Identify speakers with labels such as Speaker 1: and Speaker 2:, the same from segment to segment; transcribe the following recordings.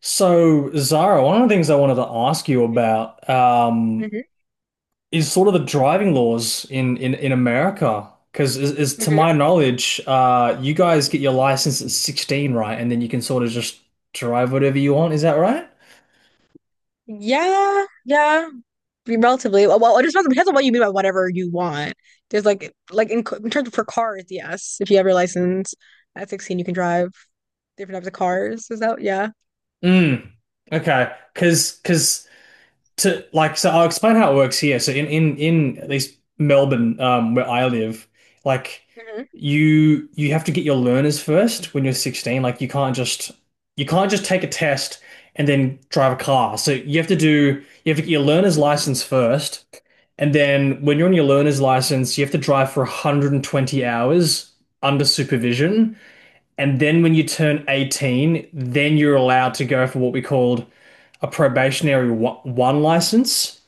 Speaker 1: So, Zara, one of the things I wanted to ask you about
Speaker 2: hmm
Speaker 1: is sort of the driving laws in America. Because, is to
Speaker 2: hmm
Speaker 1: my knowledge, you guys get your license at 16, right? And then you can sort of just drive whatever you want. Is that right?
Speaker 2: Yeah, yeah, relatively. Well, well, it depends on what you mean by whatever you want. There's in terms of for cars, yes. If you have your license at 16, you can drive different types of cars. Is that, yeah.
Speaker 1: Mm. Okay. Because to like so I'll explain how it works here. So in at least Melbourne, where I live, like
Speaker 2: hmm
Speaker 1: you have to get your learners first when you're 16. Like you can't just take a test and then drive a car. So you have to get your learner's license first, and then when you're on your learner's license, you have to drive for 120 hours under supervision. And then when you turn 18, then you're allowed to go for what we called a probationary one, license.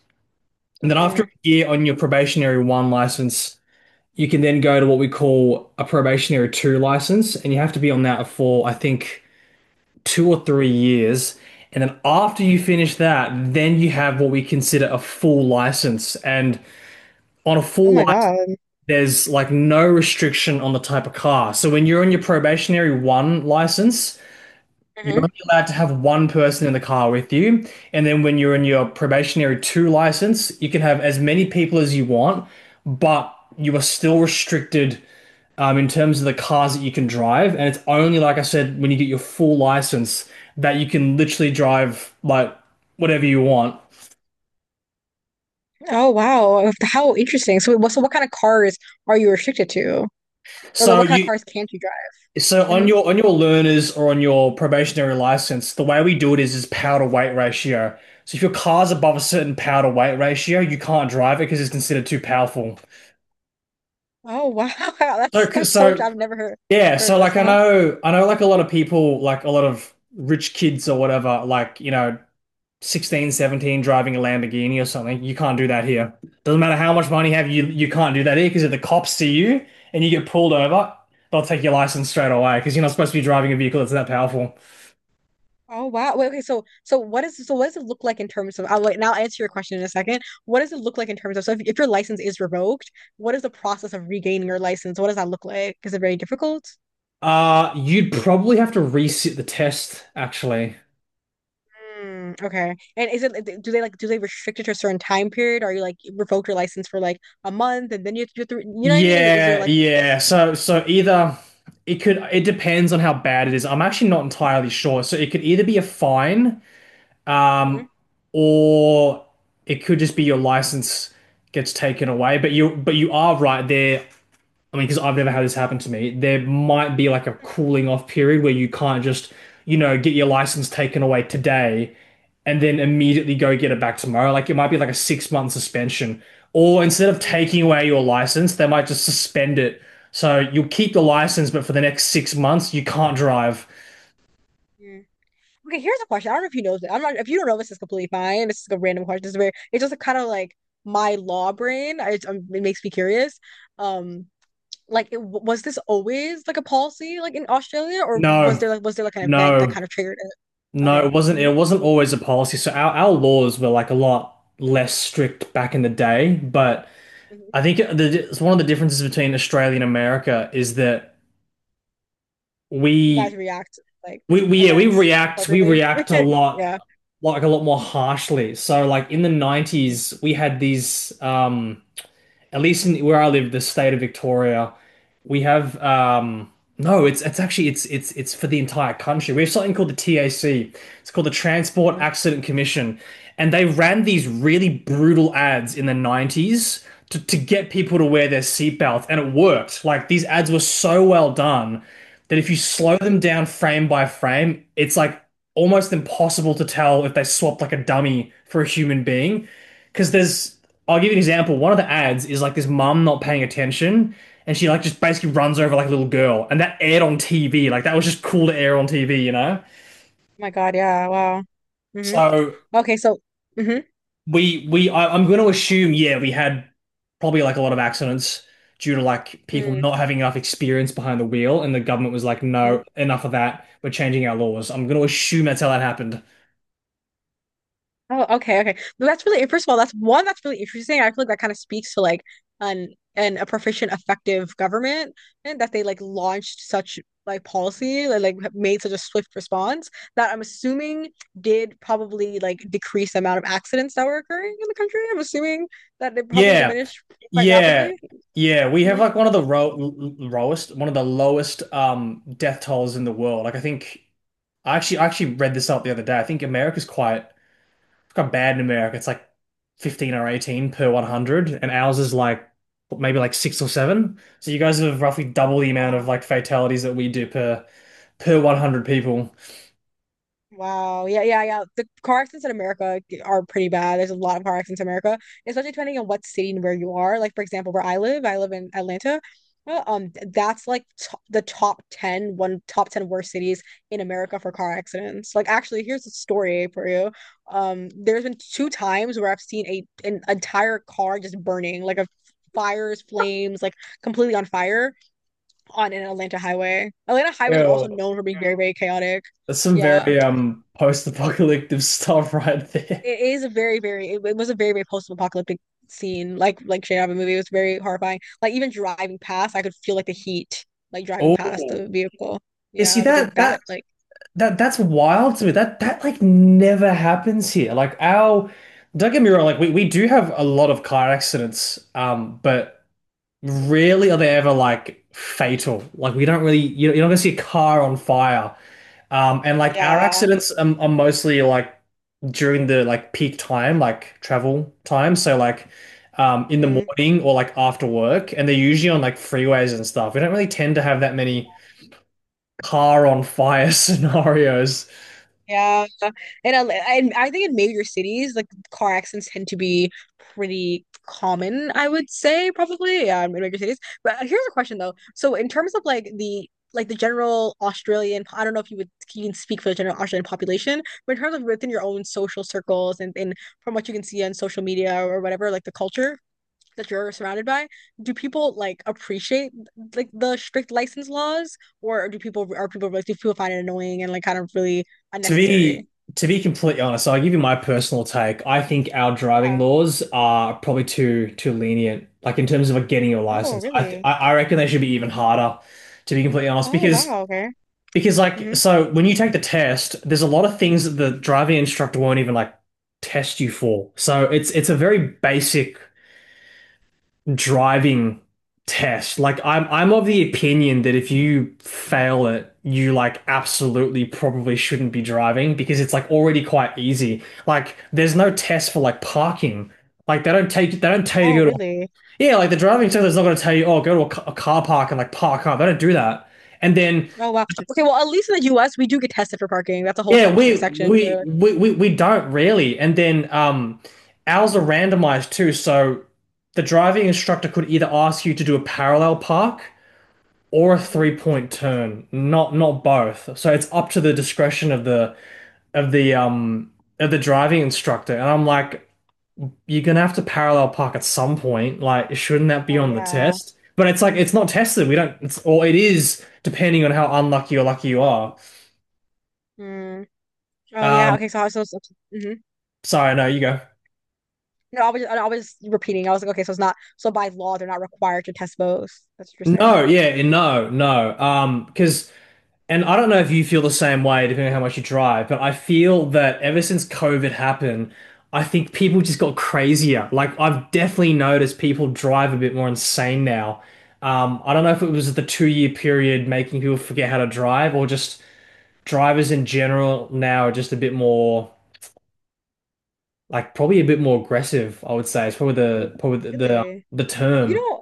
Speaker 1: And then after
Speaker 2: mm
Speaker 1: a year on your probationary one license, you can then go to what we call a probationary two license. And you have to be on that for, I think, 2 or 3 years. And then after you finish that, then you have what we consider a full license. And on a
Speaker 2: Oh
Speaker 1: full
Speaker 2: my
Speaker 1: license,
Speaker 2: God.
Speaker 1: there's like no restriction on the type of car. So when you're on your probationary one license, you're
Speaker 2: hmm
Speaker 1: only allowed to have one person in the car with you, and then when you're in your probationary two license, you can have as many people as you want, but you are still restricted in terms of the cars that you can drive. And it's only, like I said, when you get your full license that you can literally drive like whatever you want.
Speaker 2: Oh wow. Oh, how interesting. So what kind of cars are you restricted to? Or like,
Speaker 1: So
Speaker 2: what kind of
Speaker 1: you
Speaker 2: cars can't you drive?
Speaker 1: So on
Speaker 2: Hmm
Speaker 1: your learners or on your probationary license, the way we do it is power to weight ratio. So if your car's above a certain power to weight ratio, you can't drive it because it's considered too powerful.
Speaker 2: Oh wow.
Speaker 1: So
Speaker 2: That's so.
Speaker 1: so
Speaker 2: I've never heard
Speaker 1: yeah,
Speaker 2: heard of
Speaker 1: so
Speaker 2: this.
Speaker 1: like I
Speaker 2: Uh-huh.
Speaker 1: know I know like a lot of people like a lot of rich kids or whatever, 16, 17 driving a Lamborghini or something. You can't do that here. Doesn't matter how much money you have, you can't do that here because if the cops see you and you get pulled over, they'll take your license straight away because you're not supposed to be driving a vehicle that's that powerful.
Speaker 2: Oh wow. Wait, okay, so what does it look like in terms of? I'll like now answer your question in a second. What does it look like in terms of so if your license is revoked, what is the process of regaining your license? What does that look like? Is it very difficult?
Speaker 1: You'd probably have to reset the test, actually.
Speaker 2: Mm, okay. And is it do they like do they restrict it to a certain time period? Are you like revoked your license for like a month and then you have to do it through, you know what I mean? Is it- is there
Speaker 1: Yeah,
Speaker 2: like
Speaker 1: yeah.
Speaker 2: s-
Speaker 1: So either it depends on how bad it is. I'm actually not entirely sure. So it could either be a fine, um,
Speaker 2: Mhm.
Speaker 1: or it could just be your license gets taken away. But you are right there. I mean, because I've never had this happen to me. There might be like a cooling off period where you can't just, you know, get your license taken away today and then immediately go get it back tomorrow. Like it might be like a 6 month suspension. Or instead of taking away your license, they might just suspend it. So you'll keep the license, but for the next 6 months, you can't drive.
Speaker 2: Mm. Okay, here's a question. I don't know if you know this. I'm not if you don't know, this is completely fine. This is a random question. This very it's just kind of like my law brain. It makes me curious. Um, like, was this always like a policy like in Australia, or was
Speaker 1: No,
Speaker 2: there like an event that
Speaker 1: no,
Speaker 2: kind of triggered it?
Speaker 1: no,
Speaker 2: Okay.
Speaker 1: it wasn't always a policy. So our laws were like a lot less strict back in the day, but I
Speaker 2: Hmm
Speaker 1: think it's one of the differences between Australia and America is that
Speaker 2: You guys
Speaker 1: we,
Speaker 2: react like
Speaker 1: we, yeah,
Speaker 2: events
Speaker 1: we
Speaker 2: appropriately.
Speaker 1: react a lot,
Speaker 2: Yeah.
Speaker 1: like a lot more harshly. So, like in the
Speaker 2: Mm-hmm.
Speaker 1: 90s, we had these, at least in, where I lived, the state of Victoria, we have no, it's actually it's for the entire country. We have something called the TAC. It's called the Transport Accident Commission, and they ran these really brutal ads in the 90s to get people to wear their seatbelts, and it worked. Like these ads were so well done that if you slow
Speaker 2: Mm-hmm.
Speaker 1: them down frame by frame, it's like almost impossible to tell if they swapped like a dummy for a human being. Because there's, I'll give you an example. One of the ads is like this mum not paying attention, and she like just basically
Speaker 2: Oh
Speaker 1: runs over like a little girl, and that aired on TV. Like that was just cool to air on TV, you know.
Speaker 2: my God, yeah, wow. hmm
Speaker 1: So
Speaker 2: Okay, so. Mm-hmm.
Speaker 1: I'm going to assume yeah we had probably like a lot of accidents due to like people
Speaker 2: Mm-hmm.
Speaker 1: not having enough experience behind the wheel, and the government was like no enough of that. We're changing our laws. I'm going to assume that's how that happened.
Speaker 2: Oh, okay, okay. No, that's really, first of all, that's one that's really interesting. I feel like that kind of speaks to like an an a proficient, effective government and that they like launched such like policy, like made such a swift response that I'm assuming did probably like decrease the amount of accidents that were occurring in the country. I'm assuming that they probably
Speaker 1: Yeah,
Speaker 2: diminished quite
Speaker 1: yeah,
Speaker 2: rapidly.
Speaker 1: yeah. We have
Speaker 2: hmm
Speaker 1: like one of the ro- lowest one of the lowest death tolls in the world. Like I think I actually read this up the other day. I think America's quite got bad in America. It's like 15 or 18 per 100, and ours is like maybe like six or seven. So you guys have roughly double the amount of
Speaker 2: Wow.
Speaker 1: like fatalities that we do per 100 people.
Speaker 2: Wow. Yeah, yeah, yeah. The car accidents in America g- Are pretty bad. There's a lot of car accidents in America, especially depending on what city and where you are. Like, for example, where I live in Atlanta. That's like to the top ten one top 10 worst cities in America for car accidents. Like, actually, here's a story for you. There's been two times where I've seen a an entire car just burning, like a fires, flames, like completely on fire on an Atlanta highway. Atlanta highways are
Speaker 1: Ew.
Speaker 2: also known for being, yeah, very, very chaotic.
Speaker 1: That's some
Speaker 2: Yeah.
Speaker 1: very post-apocalyptic stuff right there.
Speaker 2: It is a very, very. It was a very, very post-apocalyptic scene. Like straight out of a movie, it was very horrifying. Like even driving past, I could feel like the heat, like driving past
Speaker 1: Oh.
Speaker 2: the vehicle.
Speaker 1: You see
Speaker 2: Yeah, it was
Speaker 1: that
Speaker 2: like
Speaker 1: that
Speaker 2: that. Like,
Speaker 1: that's wild to me. That like never happens here. Like our, don't get me wrong, like we do have a lot of car accidents, but rarely are they ever like fatal. Like we don't really, you- are not gonna see a car on fire. And like our
Speaker 2: yeah.
Speaker 1: accidents are mostly like during the like peak time, like travel time. So like in the
Speaker 2: Mm.
Speaker 1: morning or like after work, and they're usually on like freeways and stuff. We don't really tend to have that many car on fire scenarios.
Speaker 2: Yeah, and I, and I think in major cities, like car accidents tend to be pretty common, I would say probably, yeah, in major cities. But here's a question though. So in terms of like the general Australian, I don't know if you would you can speak for the general Australian population, but in terms of within your own social circles and from what you can see on social media or whatever, like the culture that you're surrounded by, do people appreciate the strict license laws, or do people find it annoying and like kind of really
Speaker 1: To be
Speaker 2: unnecessary?
Speaker 1: to be completely honest, I'll give you my personal take. I think our driving
Speaker 2: Yeah.
Speaker 1: laws are probably too lenient, like in terms of like getting your
Speaker 2: Oh,
Speaker 1: license. I th
Speaker 2: really?
Speaker 1: I reckon they should be even harder, to be completely honest,
Speaker 2: Oh,
Speaker 1: because
Speaker 2: wow. Okay.
Speaker 1: like
Speaker 2: hmm
Speaker 1: so when you take the test, there's a lot of things that the driving instructor won't even like test you for. So it's a very basic driving test. Like I'm of the opinion that if you fail it, you like absolutely probably shouldn't be driving because it's like already quite easy. Like there's no test for like parking. Like they don't tell you
Speaker 2: Oh,
Speaker 1: to go to,
Speaker 2: really?
Speaker 1: yeah, like the driving test is not going to tell you, oh, go to a, a car park and like park up. They don't do that. And then
Speaker 2: Oh, wow. Okay, well at least in the US we do get tested for parking. That's a whole
Speaker 1: yeah,
Speaker 2: se section for.
Speaker 1: we don't really. And then ours are randomized too, so the driving instructor could either ask you to do a parallel park or a
Speaker 2: Mhm.
Speaker 1: three point turn, not both. So it's up to the discretion of the of the um of the driving instructor. And I'm like, you're gonna have to parallel park at some point. Like, shouldn't that be
Speaker 2: Oh,
Speaker 1: on the
Speaker 2: yeah.
Speaker 1: test? But it's like it's not tested. We don't. It's or it is depending on how unlucky or lucky you are.
Speaker 2: Mm. Oh, yeah.
Speaker 1: Um,
Speaker 2: Okay. So, hmm
Speaker 1: Sorry, no, you go.
Speaker 2: no, I was just repeating. I was like, okay, so it's not, so by law they're not required to test both. That's interesting.
Speaker 1: No, yeah, no, no. Because And I don't know if you feel the same way, depending on how much you drive, but I feel that ever since COVID happened, I think people just got crazier. Like, I've definitely noticed people drive a bit more insane now. I don't know if it was the 2 year period making people forget how to drive, or just drivers in general now are just a bit more, like, probably a bit more aggressive, I would say. It's probably the
Speaker 2: Really?
Speaker 1: the
Speaker 2: You
Speaker 1: term.
Speaker 2: know,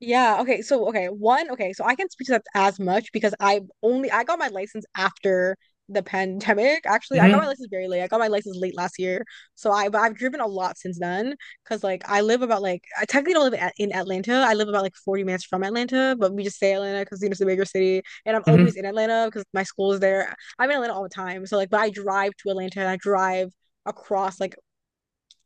Speaker 2: yeah, okay. So okay, one, okay, so I can't speak to that as much because I got my license after the pandemic. Actually, I got my
Speaker 1: Hmm.
Speaker 2: license very late. I got my license late last year. So I but I've driven a lot since then because like I live about like I technically don't live in, in Atlanta. I live about like 40 minutes from Atlanta, but we just say Atlanta because it's a bigger city and I'm always
Speaker 1: Hmm.
Speaker 2: in Atlanta because my school is there. I'm in Atlanta all the time. So like but I drive to Atlanta and I drive across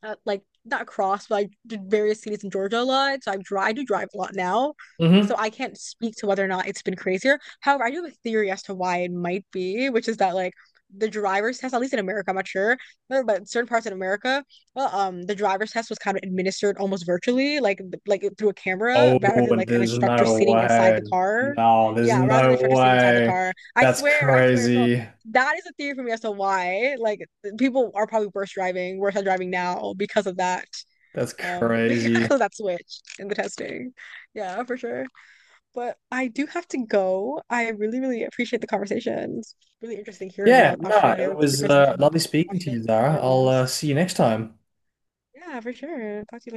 Speaker 2: like not across, but I did various cities in Georgia a lot. So I do drive a lot now. So
Speaker 1: Hmm.
Speaker 2: I can't speak to whether or not it's been crazier. However, I do have a theory as to why it might be, which is that like the driver's test, at least in America, I'm not sure, but in certain parts in America, the driver's test was kind of administered almost virtually, like through a camera, rather than
Speaker 1: Oh,
Speaker 2: like an
Speaker 1: there's
Speaker 2: instructor
Speaker 1: no
Speaker 2: sitting inside
Speaker 1: way.
Speaker 2: the car.
Speaker 1: No, there's
Speaker 2: Yeah, rather than the
Speaker 1: no
Speaker 2: instructor sitting inside the
Speaker 1: way.
Speaker 2: car. I
Speaker 1: That's
Speaker 2: swear, I swear. So
Speaker 1: crazy.
Speaker 2: that is a theory for me as to why like people are probably worse driving, worse at driving now because of that.
Speaker 1: That's crazy.
Speaker 2: Because that switch in the testing. Yeah, for sure. But I do have to go. I really, really appreciate the conversations. Really interesting hearing
Speaker 1: Yeah,
Speaker 2: about
Speaker 1: no,
Speaker 2: Australia,
Speaker 1: it
Speaker 2: the
Speaker 1: was
Speaker 2: difference between
Speaker 1: lovely speaking to
Speaker 2: Australia
Speaker 1: you,
Speaker 2: and
Speaker 1: Zara. I'll
Speaker 2: Netherlands.
Speaker 1: see you next time.
Speaker 2: Yeah, for sure. Talk to you later.